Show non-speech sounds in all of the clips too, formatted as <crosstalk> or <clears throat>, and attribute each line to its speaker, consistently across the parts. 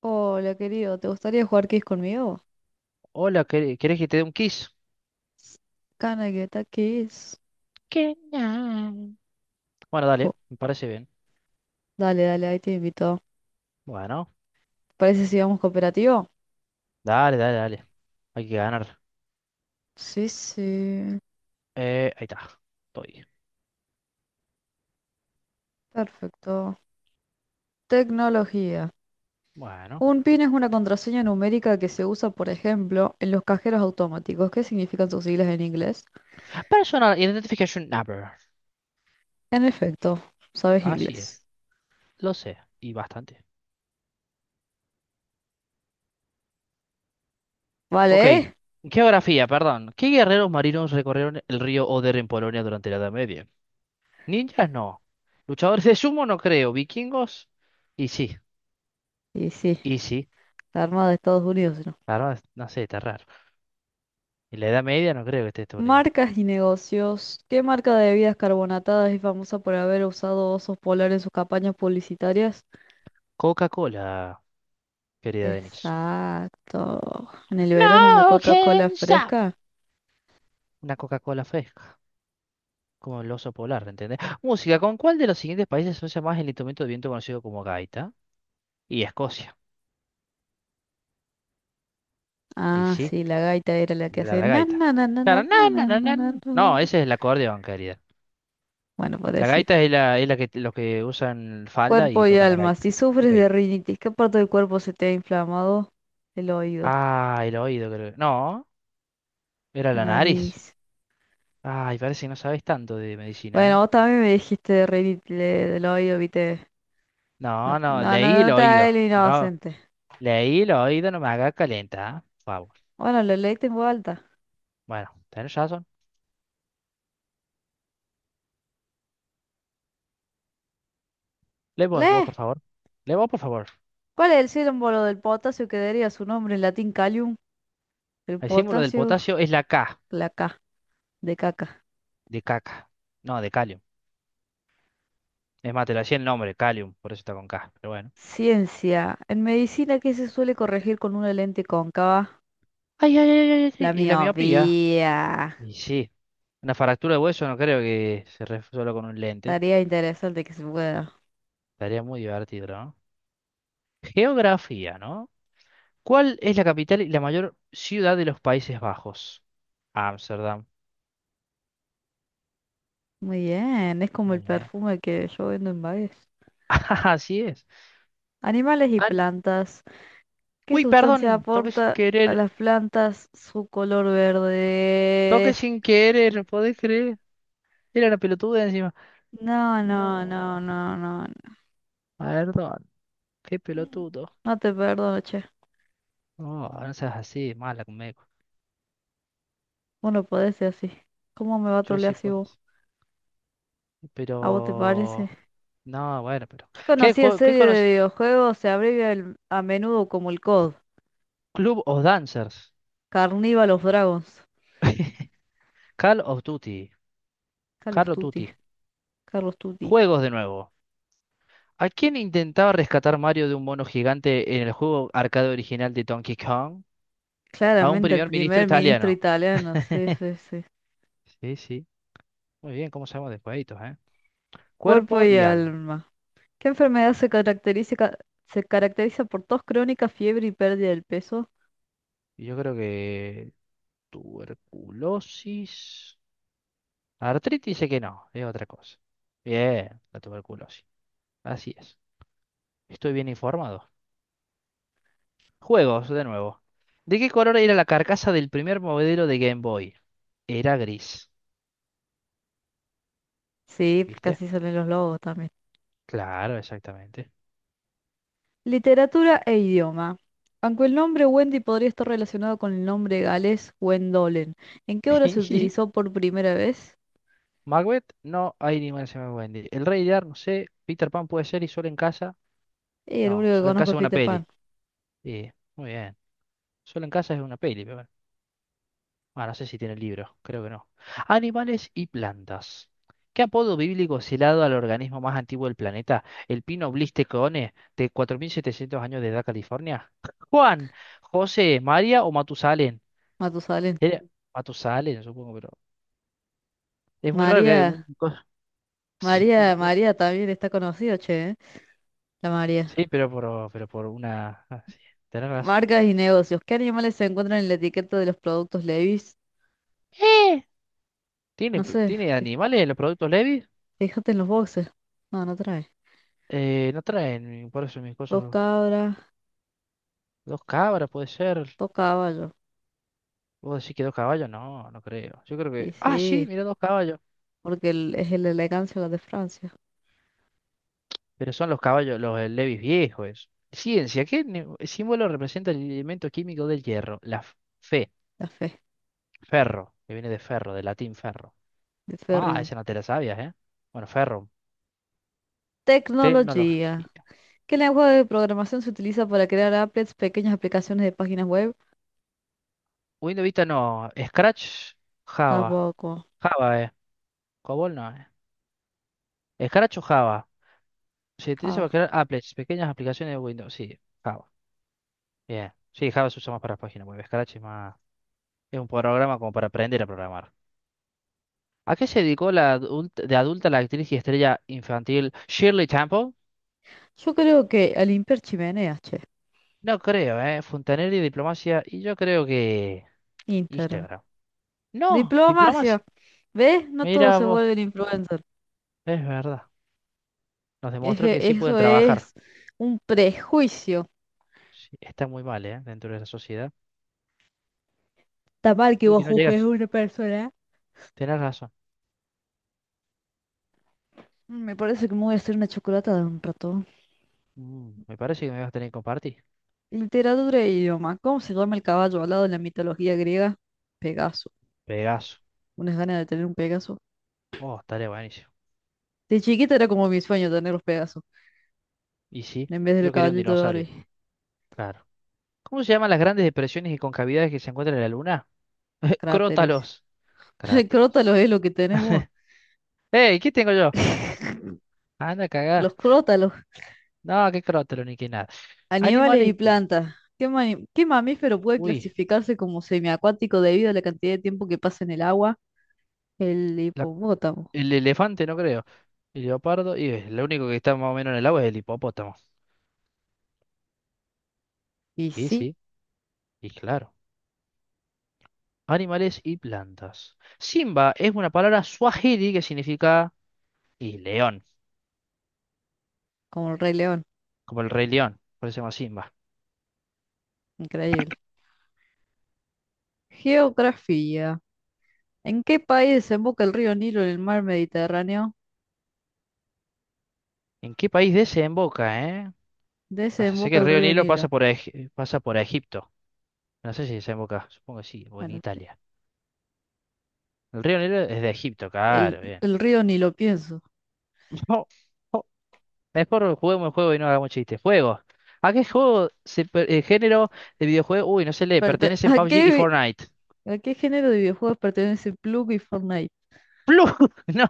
Speaker 1: Hola, querido, ¿te gustaría jugar Kiss conmigo?
Speaker 2: Hola, ¿querés que te dé un kiss?
Speaker 1: Can I get a kiss?
Speaker 2: ¿Qué? Ah. Bueno, dale,
Speaker 1: Jo,
Speaker 2: me parece bien.
Speaker 1: dale, dale, ahí te invito.
Speaker 2: Bueno,
Speaker 1: ¿Parece si vamos cooperativo?
Speaker 2: dale, dale, dale. Hay que ganar.
Speaker 1: Sí, sí.
Speaker 2: Ahí está. Estoy.
Speaker 1: Perfecto. Tecnología.
Speaker 2: Bueno.
Speaker 1: Un PIN es una contraseña numérica que se usa, por ejemplo, en los cajeros automáticos. ¿Qué significan sus siglas en inglés?
Speaker 2: Personal Identification Number.
Speaker 1: En efecto, sabes
Speaker 2: Así es.
Speaker 1: inglés.
Speaker 2: Lo sé. Y bastante. Ok.
Speaker 1: ¿Vale? ¿eh?
Speaker 2: Geografía, perdón. ¿Qué guerreros marinos recorrieron el río Oder en Polonia durante la Edad Media? Ninjas no. Luchadores de sumo no creo. Vikingos. Y sí.
Speaker 1: Y sí,
Speaker 2: Y sí.
Speaker 1: la Armada de Estados Unidos.
Speaker 2: Claro, no sé, está raro. En la Edad Media no creo que esté Estados Unidos.
Speaker 1: Marcas y negocios. ¿Qué marca de bebidas carbonatadas es famosa por haber usado osos polares en sus campañas publicitarias?
Speaker 2: Coca-Cola, querida Denise.
Speaker 1: Exacto. En el verano una
Speaker 2: No
Speaker 1: Coca-Cola
Speaker 2: can stop.
Speaker 1: fresca.
Speaker 2: Una Coca-Cola fresca, como el oso polar, ¿entendés? Música, ¿con cuál de los siguientes países se usa más el instrumento de viento conocido como gaita? Y Escocia. Y
Speaker 1: Ah,
Speaker 2: sí,
Speaker 1: sí, la gaita era la que
Speaker 2: la,
Speaker 1: hace
Speaker 2: la
Speaker 1: na
Speaker 2: gaita.
Speaker 1: na na na na
Speaker 2: Claro, na,
Speaker 1: na
Speaker 2: na,
Speaker 1: na
Speaker 2: na,
Speaker 1: na
Speaker 2: na,
Speaker 1: na, na,
Speaker 2: na. No,
Speaker 1: na.
Speaker 2: ese es el acordeón, querida.
Speaker 1: Bueno,
Speaker 2: La
Speaker 1: parecido.
Speaker 2: gaita es la que los que usan falda y
Speaker 1: Cuerpo y
Speaker 2: tocan la
Speaker 1: alma.
Speaker 2: gaita.
Speaker 1: Si
Speaker 2: Ok.
Speaker 1: sufres de rinitis, ¿qué parte del cuerpo se te ha inflamado? El oído,
Speaker 2: Ah, el oído, creo. No, era
Speaker 1: la
Speaker 2: la nariz.
Speaker 1: nariz.
Speaker 2: Ay, parece que no sabes tanto de medicina, ¿eh?
Speaker 1: Bueno, vos también me dijiste de rinitis del oído, viste. No,
Speaker 2: No, no,
Speaker 1: no,
Speaker 2: leí
Speaker 1: no,
Speaker 2: el
Speaker 1: no te hagas
Speaker 2: oído.
Speaker 1: el
Speaker 2: No.
Speaker 1: inocente.
Speaker 2: Leí lo oído, no me haga calenta, por favor.
Speaker 1: Bueno, lo leí en voz alta.
Speaker 2: Bueno, tenés razón. Lee vos,
Speaker 1: ¡Lee!
Speaker 2: por favor. Lee vos, por favor.
Speaker 1: ¿Cuál es el símbolo del potasio que daría su nombre en latín calium? El
Speaker 2: El símbolo del
Speaker 1: potasio,
Speaker 2: potasio es la K,
Speaker 1: la K, de caca.
Speaker 2: de caca. No, de calio. Es más, te lo hacía el nombre, calium, por eso está con K, pero bueno.
Speaker 1: Ciencia. En medicina, ¿qué se suele corregir con una lente cóncava?
Speaker 2: Ay, ay, ay, ay, ay, ay,
Speaker 1: La
Speaker 2: y la miopía.
Speaker 1: miopía.
Speaker 2: Y sí, una fractura de hueso no creo que se resuelva con un lente.
Speaker 1: Estaría interesante que se pueda.
Speaker 2: Estaría muy divertido, ¿no? Geografía, ¿no? ¿Cuál es la capital y la mayor ciudad de los Países Bajos? Ámsterdam.
Speaker 1: Muy bien, es como el
Speaker 2: Muy bien.
Speaker 1: perfume que yo vendo en Baez.
Speaker 2: <laughs> Así es.
Speaker 1: Animales y
Speaker 2: Ah,
Speaker 1: plantas. ¿Qué
Speaker 2: uy, perdón,
Speaker 1: sustancia
Speaker 2: toqué sin
Speaker 1: aporta a
Speaker 2: querer.
Speaker 1: las plantas su color
Speaker 2: Toqué
Speaker 1: verde?
Speaker 2: sin querer, ¿no podés creer? Era una pelotuda encima.
Speaker 1: No, no,
Speaker 2: No,
Speaker 1: no, no, no.
Speaker 2: perdón, qué pelotudo.
Speaker 1: No te perdono, che.
Speaker 2: No, no seas así, mala conmigo.
Speaker 1: Vos no podés ser así. ¿Cómo me va a
Speaker 2: Yo
Speaker 1: trolear
Speaker 2: sí
Speaker 1: así
Speaker 2: puedo.
Speaker 1: vos? ¿A vos te parece?
Speaker 2: Pero. No, bueno, pero.
Speaker 1: ¿Qué
Speaker 2: ¿Qué,
Speaker 1: conocida
Speaker 2: qué
Speaker 1: serie de
Speaker 2: conoces?
Speaker 1: videojuegos se abrevia a menudo como el COD?
Speaker 2: Club of Dancers.
Speaker 1: Carnival of Dragons.
Speaker 2: Call of Duty. Call
Speaker 1: Carlos
Speaker 2: of
Speaker 1: Tutti.
Speaker 2: Duty.
Speaker 1: Carlos Tutti.
Speaker 2: Juegos de nuevo. ¿A quién intentaba rescatar Mario de un mono gigante en el juego arcade original de Donkey Kong? A un
Speaker 1: Claramente el
Speaker 2: primer ministro
Speaker 1: primer ministro
Speaker 2: italiano.
Speaker 1: italiano. Sí, sí, sí.
Speaker 2: Sí, sí. Muy bien, ¿cómo sabemos de jueguitos, eh?
Speaker 1: Cuerpo
Speaker 2: Cuerpo
Speaker 1: y
Speaker 2: y alma.
Speaker 1: alma. ¿Qué enfermedad se caracteriza por tos crónica, fiebre y pérdida del peso?
Speaker 2: Y yo creo que tuberculosis. Artritis sé que no, es otra cosa. Bien, la tuberculosis. Así es. Estoy bien informado. Juegos, de nuevo. ¿De qué color era la carcasa del primer modelo de Game Boy? Era gris.
Speaker 1: Sí,
Speaker 2: ¿Viste?
Speaker 1: casi salen los lobos también.
Speaker 2: Claro, exactamente.
Speaker 1: Literatura e idioma. Aunque el nombre Wendy podría estar relacionado con el nombre galés Wendolen, ¿en qué obra se
Speaker 2: <laughs>
Speaker 1: utilizó por primera vez?
Speaker 2: Macbeth, no hay ninguna se me Wendy. El Rey Lear, no sé. Peter Pan puede ser y Solo en casa.
Speaker 1: Y el
Speaker 2: No,
Speaker 1: único que
Speaker 2: Solo en
Speaker 1: conozco es
Speaker 2: casa es una
Speaker 1: Peter Pan,
Speaker 2: peli. Sí, muy bien. Solo en casa es una peli, pero bueno. Ah, no sé si tiene libro, creo que no. Animales y plantas. ¿Qué apodo bíblico se le ha dado al organismo más antiguo del planeta? ¿El pino blistecone de 4.700 años de edad, California? Juan, José, María o Matusalén.
Speaker 1: Matusalén.
Speaker 2: Era Matusalén, supongo, pero es muy raro que
Speaker 1: María,
Speaker 2: un <laughs> Sí,
Speaker 1: María, María también está conocida, che, ¿eh? La María.
Speaker 2: sí, pero por una... ah, sí, tenés razón.
Speaker 1: Marcas y negocios. ¿Qué animales se encuentran en la etiqueta de los productos Levi's?
Speaker 2: ¿Eh? ¿Tiene,
Speaker 1: No sé,
Speaker 2: tiene animales en los productos Levi?
Speaker 1: fíjate en los boxes. No, no trae.
Speaker 2: No traen, por eso mis
Speaker 1: Dos
Speaker 2: cosas...
Speaker 1: cabras,
Speaker 2: Dos cabras, puede ser.
Speaker 1: dos caballos.
Speaker 2: ¿Vos decís que dos caballos? No, no creo. Yo creo
Speaker 1: Y
Speaker 2: que. Ah, sí,
Speaker 1: sí,
Speaker 2: mira dos caballos.
Speaker 1: porque es el elegancia la de Francia,
Speaker 2: Pero son los caballos, los Levis viejos. Eso. Ciencia, ¿qué símbolo representa el elemento químico del hierro? La fe,
Speaker 1: la fe,
Speaker 2: ferro, que viene de ferro, de latín ferro.
Speaker 1: de
Speaker 2: Ah,
Speaker 1: Ferrium.
Speaker 2: esa no te la sabías, ¿eh? Bueno, ferro,
Speaker 1: Tecnología.
Speaker 2: tecnología.
Speaker 1: ¿Qué lenguaje de programación se utiliza para crear applets, pequeñas aplicaciones de páginas web?
Speaker 2: Windows Vista no. Scratch, Java.
Speaker 1: Tampoco.
Speaker 2: Java, ¿eh? Cobol no, ¿eh? Scratch o Java. Se utiliza
Speaker 1: Ah,
Speaker 2: para crear applets, pequeñas aplicaciones de Windows. Sí, Java. Bien. Sí, Java se usa más para páginas web. Scratch es más. Es un programa como para aprender a programar. ¿A qué se dedicó la de adulta la actriz y estrella infantil Shirley Temple?
Speaker 1: yo creo que al Imper Chimenea, che.
Speaker 2: No creo, ¿eh? Fontanelli, diplomacia, y yo creo que
Speaker 1: Intern.
Speaker 2: Instagram. No, diplomacia.
Speaker 1: Diplomacia. ¿Ves? No todos
Speaker 2: Mira
Speaker 1: se
Speaker 2: vos,
Speaker 1: vuelven influencers.
Speaker 2: es verdad. Nos demostró
Speaker 1: Eje,
Speaker 2: que sí pueden
Speaker 1: eso
Speaker 2: trabajar.
Speaker 1: es un prejuicio.
Speaker 2: Sí, está muy mal, ¿eh? Dentro de la sociedad.
Speaker 1: Está mal que
Speaker 2: Uy,
Speaker 1: vos
Speaker 2: que no
Speaker 1: juzgues a
Speaker 2: llegas.
Speaker 1: una persona.
Speaker 2: Tenés razón.
Speaker 1: Me parece que me voy a hacer una chocolata de un rato.
Speaker 2: Mm, me parece que me vas a tener que compartir.
Speaker 1: Literatura e idioma. ¿Cómo se llama el caballo alado en la mitología griega? Pegaso.
Speaker 2: Pegaso.
Speaker 1: ¿Unas ganas de tener un Pegaso?
Speaker 2: Oh, estaría buenísimo.
Speaker 1: De chiquita era como mi sueño tener los Pegasos,
Speaker 2: Y sí,
Speaker 1: en vez del
Speaker 2: yo quería un
Speaker 1: caballito de
Speaker 2: dinosaurio.
Speaker 1: Barbie.
Speaker 2: Claro. ¿Cómo se llaman las grandes depresiones y concavidades que se encuentran en la luna? <laughs>
Speaker 1: Cráteres.
Speaker 2: Crótalos.
Speaker 1: <laughs>
Speaker 2: Cráteres.
Speaker 1: Crótalos es lo que tenemos.
Speaker 2: ¡Ey! ¿Qué tengo yo? Anda,
Speaker 1: Los
Speaker 2: cagá.
Speaker 1: crótalos,
Speaker 2: No, qué crótalo ni qué nada.
Speaker 1: animales y
Speaker 2: Animales.
Speaker 1: plantas. ¿Qué mamífero puede
Speaker 2: Uy,
Speaker 1: clasificarse como semiacuático debido a la cantidad de tiempo que pasa en el agua? El
Speaker 2: la-
Speaker 1: hipopótamo.
Speaker 2: el elefante no creo. El leopardo. Y lo único que está más o menos en el agua es el hipopótamo.
Speaker 1: Y
Speaker 2: Y
Speaker 1: sí,
Speaker 2: sí, y claro. Animales y plantas. Simba es una palabra suajili que significa y león,
Speaker 1: como el Rey León.
Speaker 2: como el rey león. Por eso se llama Simba.
Speaker 1: Increíble. Geografía. ¿En qué país desemboca el río Nilo en el mar Mediterráneo?
Speaker 2: ¿En qué país desemboca, eh? O sea, sé que
Speaker 1: Desemboca
Speaker 2: el
Speaker 1: el
Speaker 2: río
Speaker 1: río
Speaker 2: Nilo
Speaker 1: Nilo.
Speaker 2: pasa por, pasa por Egipto. No sé si desemboca. Supongo que sí, o en
Speaker 1: Bueno, sí.
Speaker 2: Italia. El río Nilo es de Egipto,
Speaker 1: El,
Speaker 2: claro, bien.
Speaker 1: el río Nilo, pienso.
Speaker 2: No, no. Mejor juguemos el juego y no hagamos chistes. Juego. ¿A qué juego género de videojuego? Uy, no se lee.
Speaker 1: Perte- <laughs>
Speaker 2: Pertenecen
Speaker 1: ¿A
Speaker 2: PUBG y
Speaker 1: qué
Speaker 2: Fortnite.
Speaker 1: ¿A qué género de videojuegos pertenece Plug y Fortnite?
Speaker 2: Plug. <laughs> No,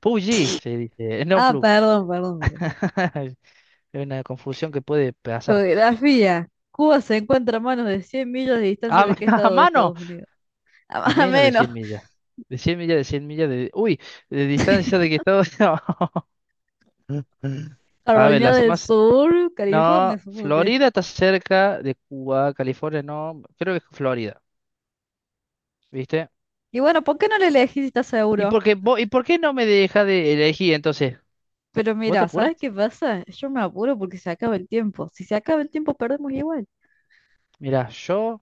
Speaker 2: PUBG se dice. No
Speaker 1: Ah,
Speaker 2: plug.
Speaker 1: perdón, perdón, perdón.
Speaker 2: <laughs> Es una confusión que puede pasar.
Speaker 1: Geografía. Cuba se encuentra a menos de 100 millas de distancia
Speaker 2: A,
Speaker 1: de qué
Speaker 2: <laughs> a
Speaker 1: estado de
Speaker 2: mano.
Speaker 1: Estados Unidos. <laughs> A
Speaker 2: A
Speaker 1: más o
Speaker 2: menos de
Speaker 1: menos.
Speaker 2: 100 millas. De 100 millas, de 100 millas de... Uy, de distancia de que todo... <laughs> A ver,
Speaker 1: Carolina
Speaker 2: las
Speaker 1: del
Speaker 2: más
Speaker 1: Sur, California,
Speaker 2: no,
Speaker 1: supongo que.
Speaker 2: Florida está cerca de Cuba, California no, creo que es Florida, ¿viste?
Speaker 1: Y bueno, ¿por qué no le elegí si estás
Speaker 2: ¿Y
Speaker 1: seguro?
Speaker 2: por qué, y por qué no me deja de elegir entonces?
Speaker 1: Pero
Speaker 2: ¿Vos te
Speaker 1: mira,
Speaker 2: apurás?
Speaker 1: ¿sabes qué pasa? Yo me apuro porque se acaba el tiempo. Si se acaba el tiempo, perdemos igual.
Speaker 2: Mirá, yo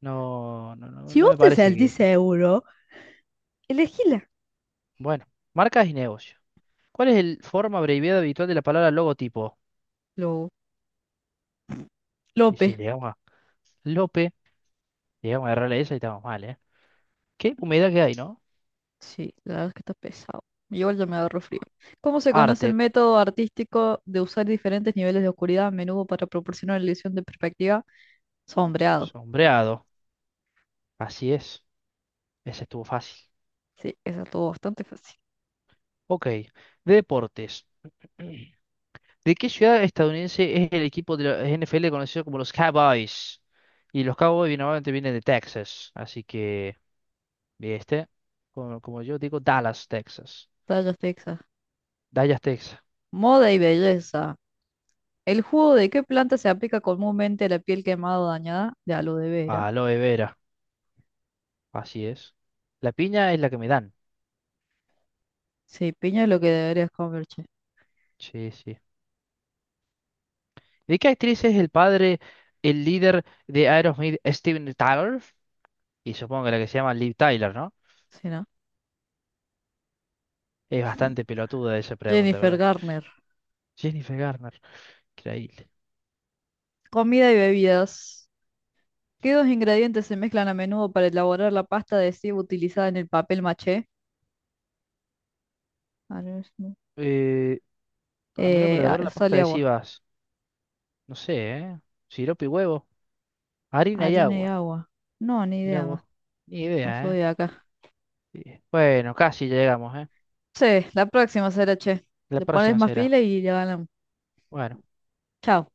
Speaker 2: no, no, no,
Speaker 1: Si
Speaker 2: no
Speaker 1: vos
Speaker 2: me
Speaker 1: te
Speaker 2: parece
Speaker 1: sentís
Speaker 2: que...
Speaker 1: seguro, elegíla.
Speaker 2: Bueno, marcas y negocios. ¿Cuál es el forma abreviada habitual de la palabra logotipo?
Speaker 1: Lo,
Speaker 2: Y si
Speaker 1: López.
Speaker 2: llegamos a Lope, llegamos a agarrarle esa y estamos mal, ¿eh? ¿Qué humedad que hay, no?
Speaker 1: Sí, la verdad es que está pesado. Igual ya me agarro frío. ¿Cómo se conoce el
Speaker 2: Arte,
Speaker 1: método artístico de usar diferentes niveles de oscuridad a menudo para proporcionar la ilusión de perspectiva? Sombreado.
Speaker 2: sombreado, así es, ese estuvo fácil.
Speaker 1: Sí, esa estuvo bastante fácil.
Speaker 2: Ok, deportes. <clears throat> ¿De qué ciudad estadounidense es el equipo de la NFL conocido como los Cowboys? Y los Cowboys normalmente vienen de Texas, así que, ¿viste? Como, como yo digo, Dallas, Texas.
Speaker 1: Tallas Texas.
Speaker 2: Dallas, Texas.
Speaker 1: Moda y belleza. ¿El jugo de qué planta se aplica comúnmente a la piel quemada o dañada? De aloe vera.
Speaker 2: Aloe vera, así es. La piña es la que me dan.
Speaker 1: Sí, piña es lo que deberías comer, che.
Speaker 2: Sí, sí. ¿De qué actriz es el padre, el líder de Aerosmith, Steven Tyler? Y supongo que la que se llama Liv Tyler, ¿no?
Speaker 1: Sí, ¿no?
Speaker 2: Es bastante pelotuda esa pregunta, pero
Speaker 1: Jennifer
Speaker 2: bueno.
Speaker 1: Garner.
Speaker 2: Jennifer Garner, increíble.
Speaker 1: Comida y bebidas. ¿Qué dos ingredientes se mezclan a menudo para elaborar la pasta de cebo utilizada en el papel maché? Arroz,
Speaker 2: Eh, a menos para lavar la
Speaker 1: sal
Speaker 2: pasta
Speaker 1: y agua.
Speaker 2: adhesiva. No sé, ¿eh? Sirope y huevo, harina y
Speaker 1: Harina y
Speaker 2: agua.
Speaker 1: agua. No, ni
Speaker 2: Mira
Speaker 1: idea
Speaker 2: vos,
Speaker 1: más.
Speaker 2: ni
Speaker 1: No
Speaker 2: idea, ¿eh?
Speaker 1: soy de acá.
Speaker 2: Sí. Bueno, casi llegamos, ¿eh?
Speaker 1: Sí, la próxima será, che.
Speaker 2: La
Speaker 1: Le pones
Speaker 2: próxima
Speaker 1: más
Speaker 2: será.
Speaker 1: pila y ya ganamos.
Speaker 2: Bueno.
Speaker 1: Chao.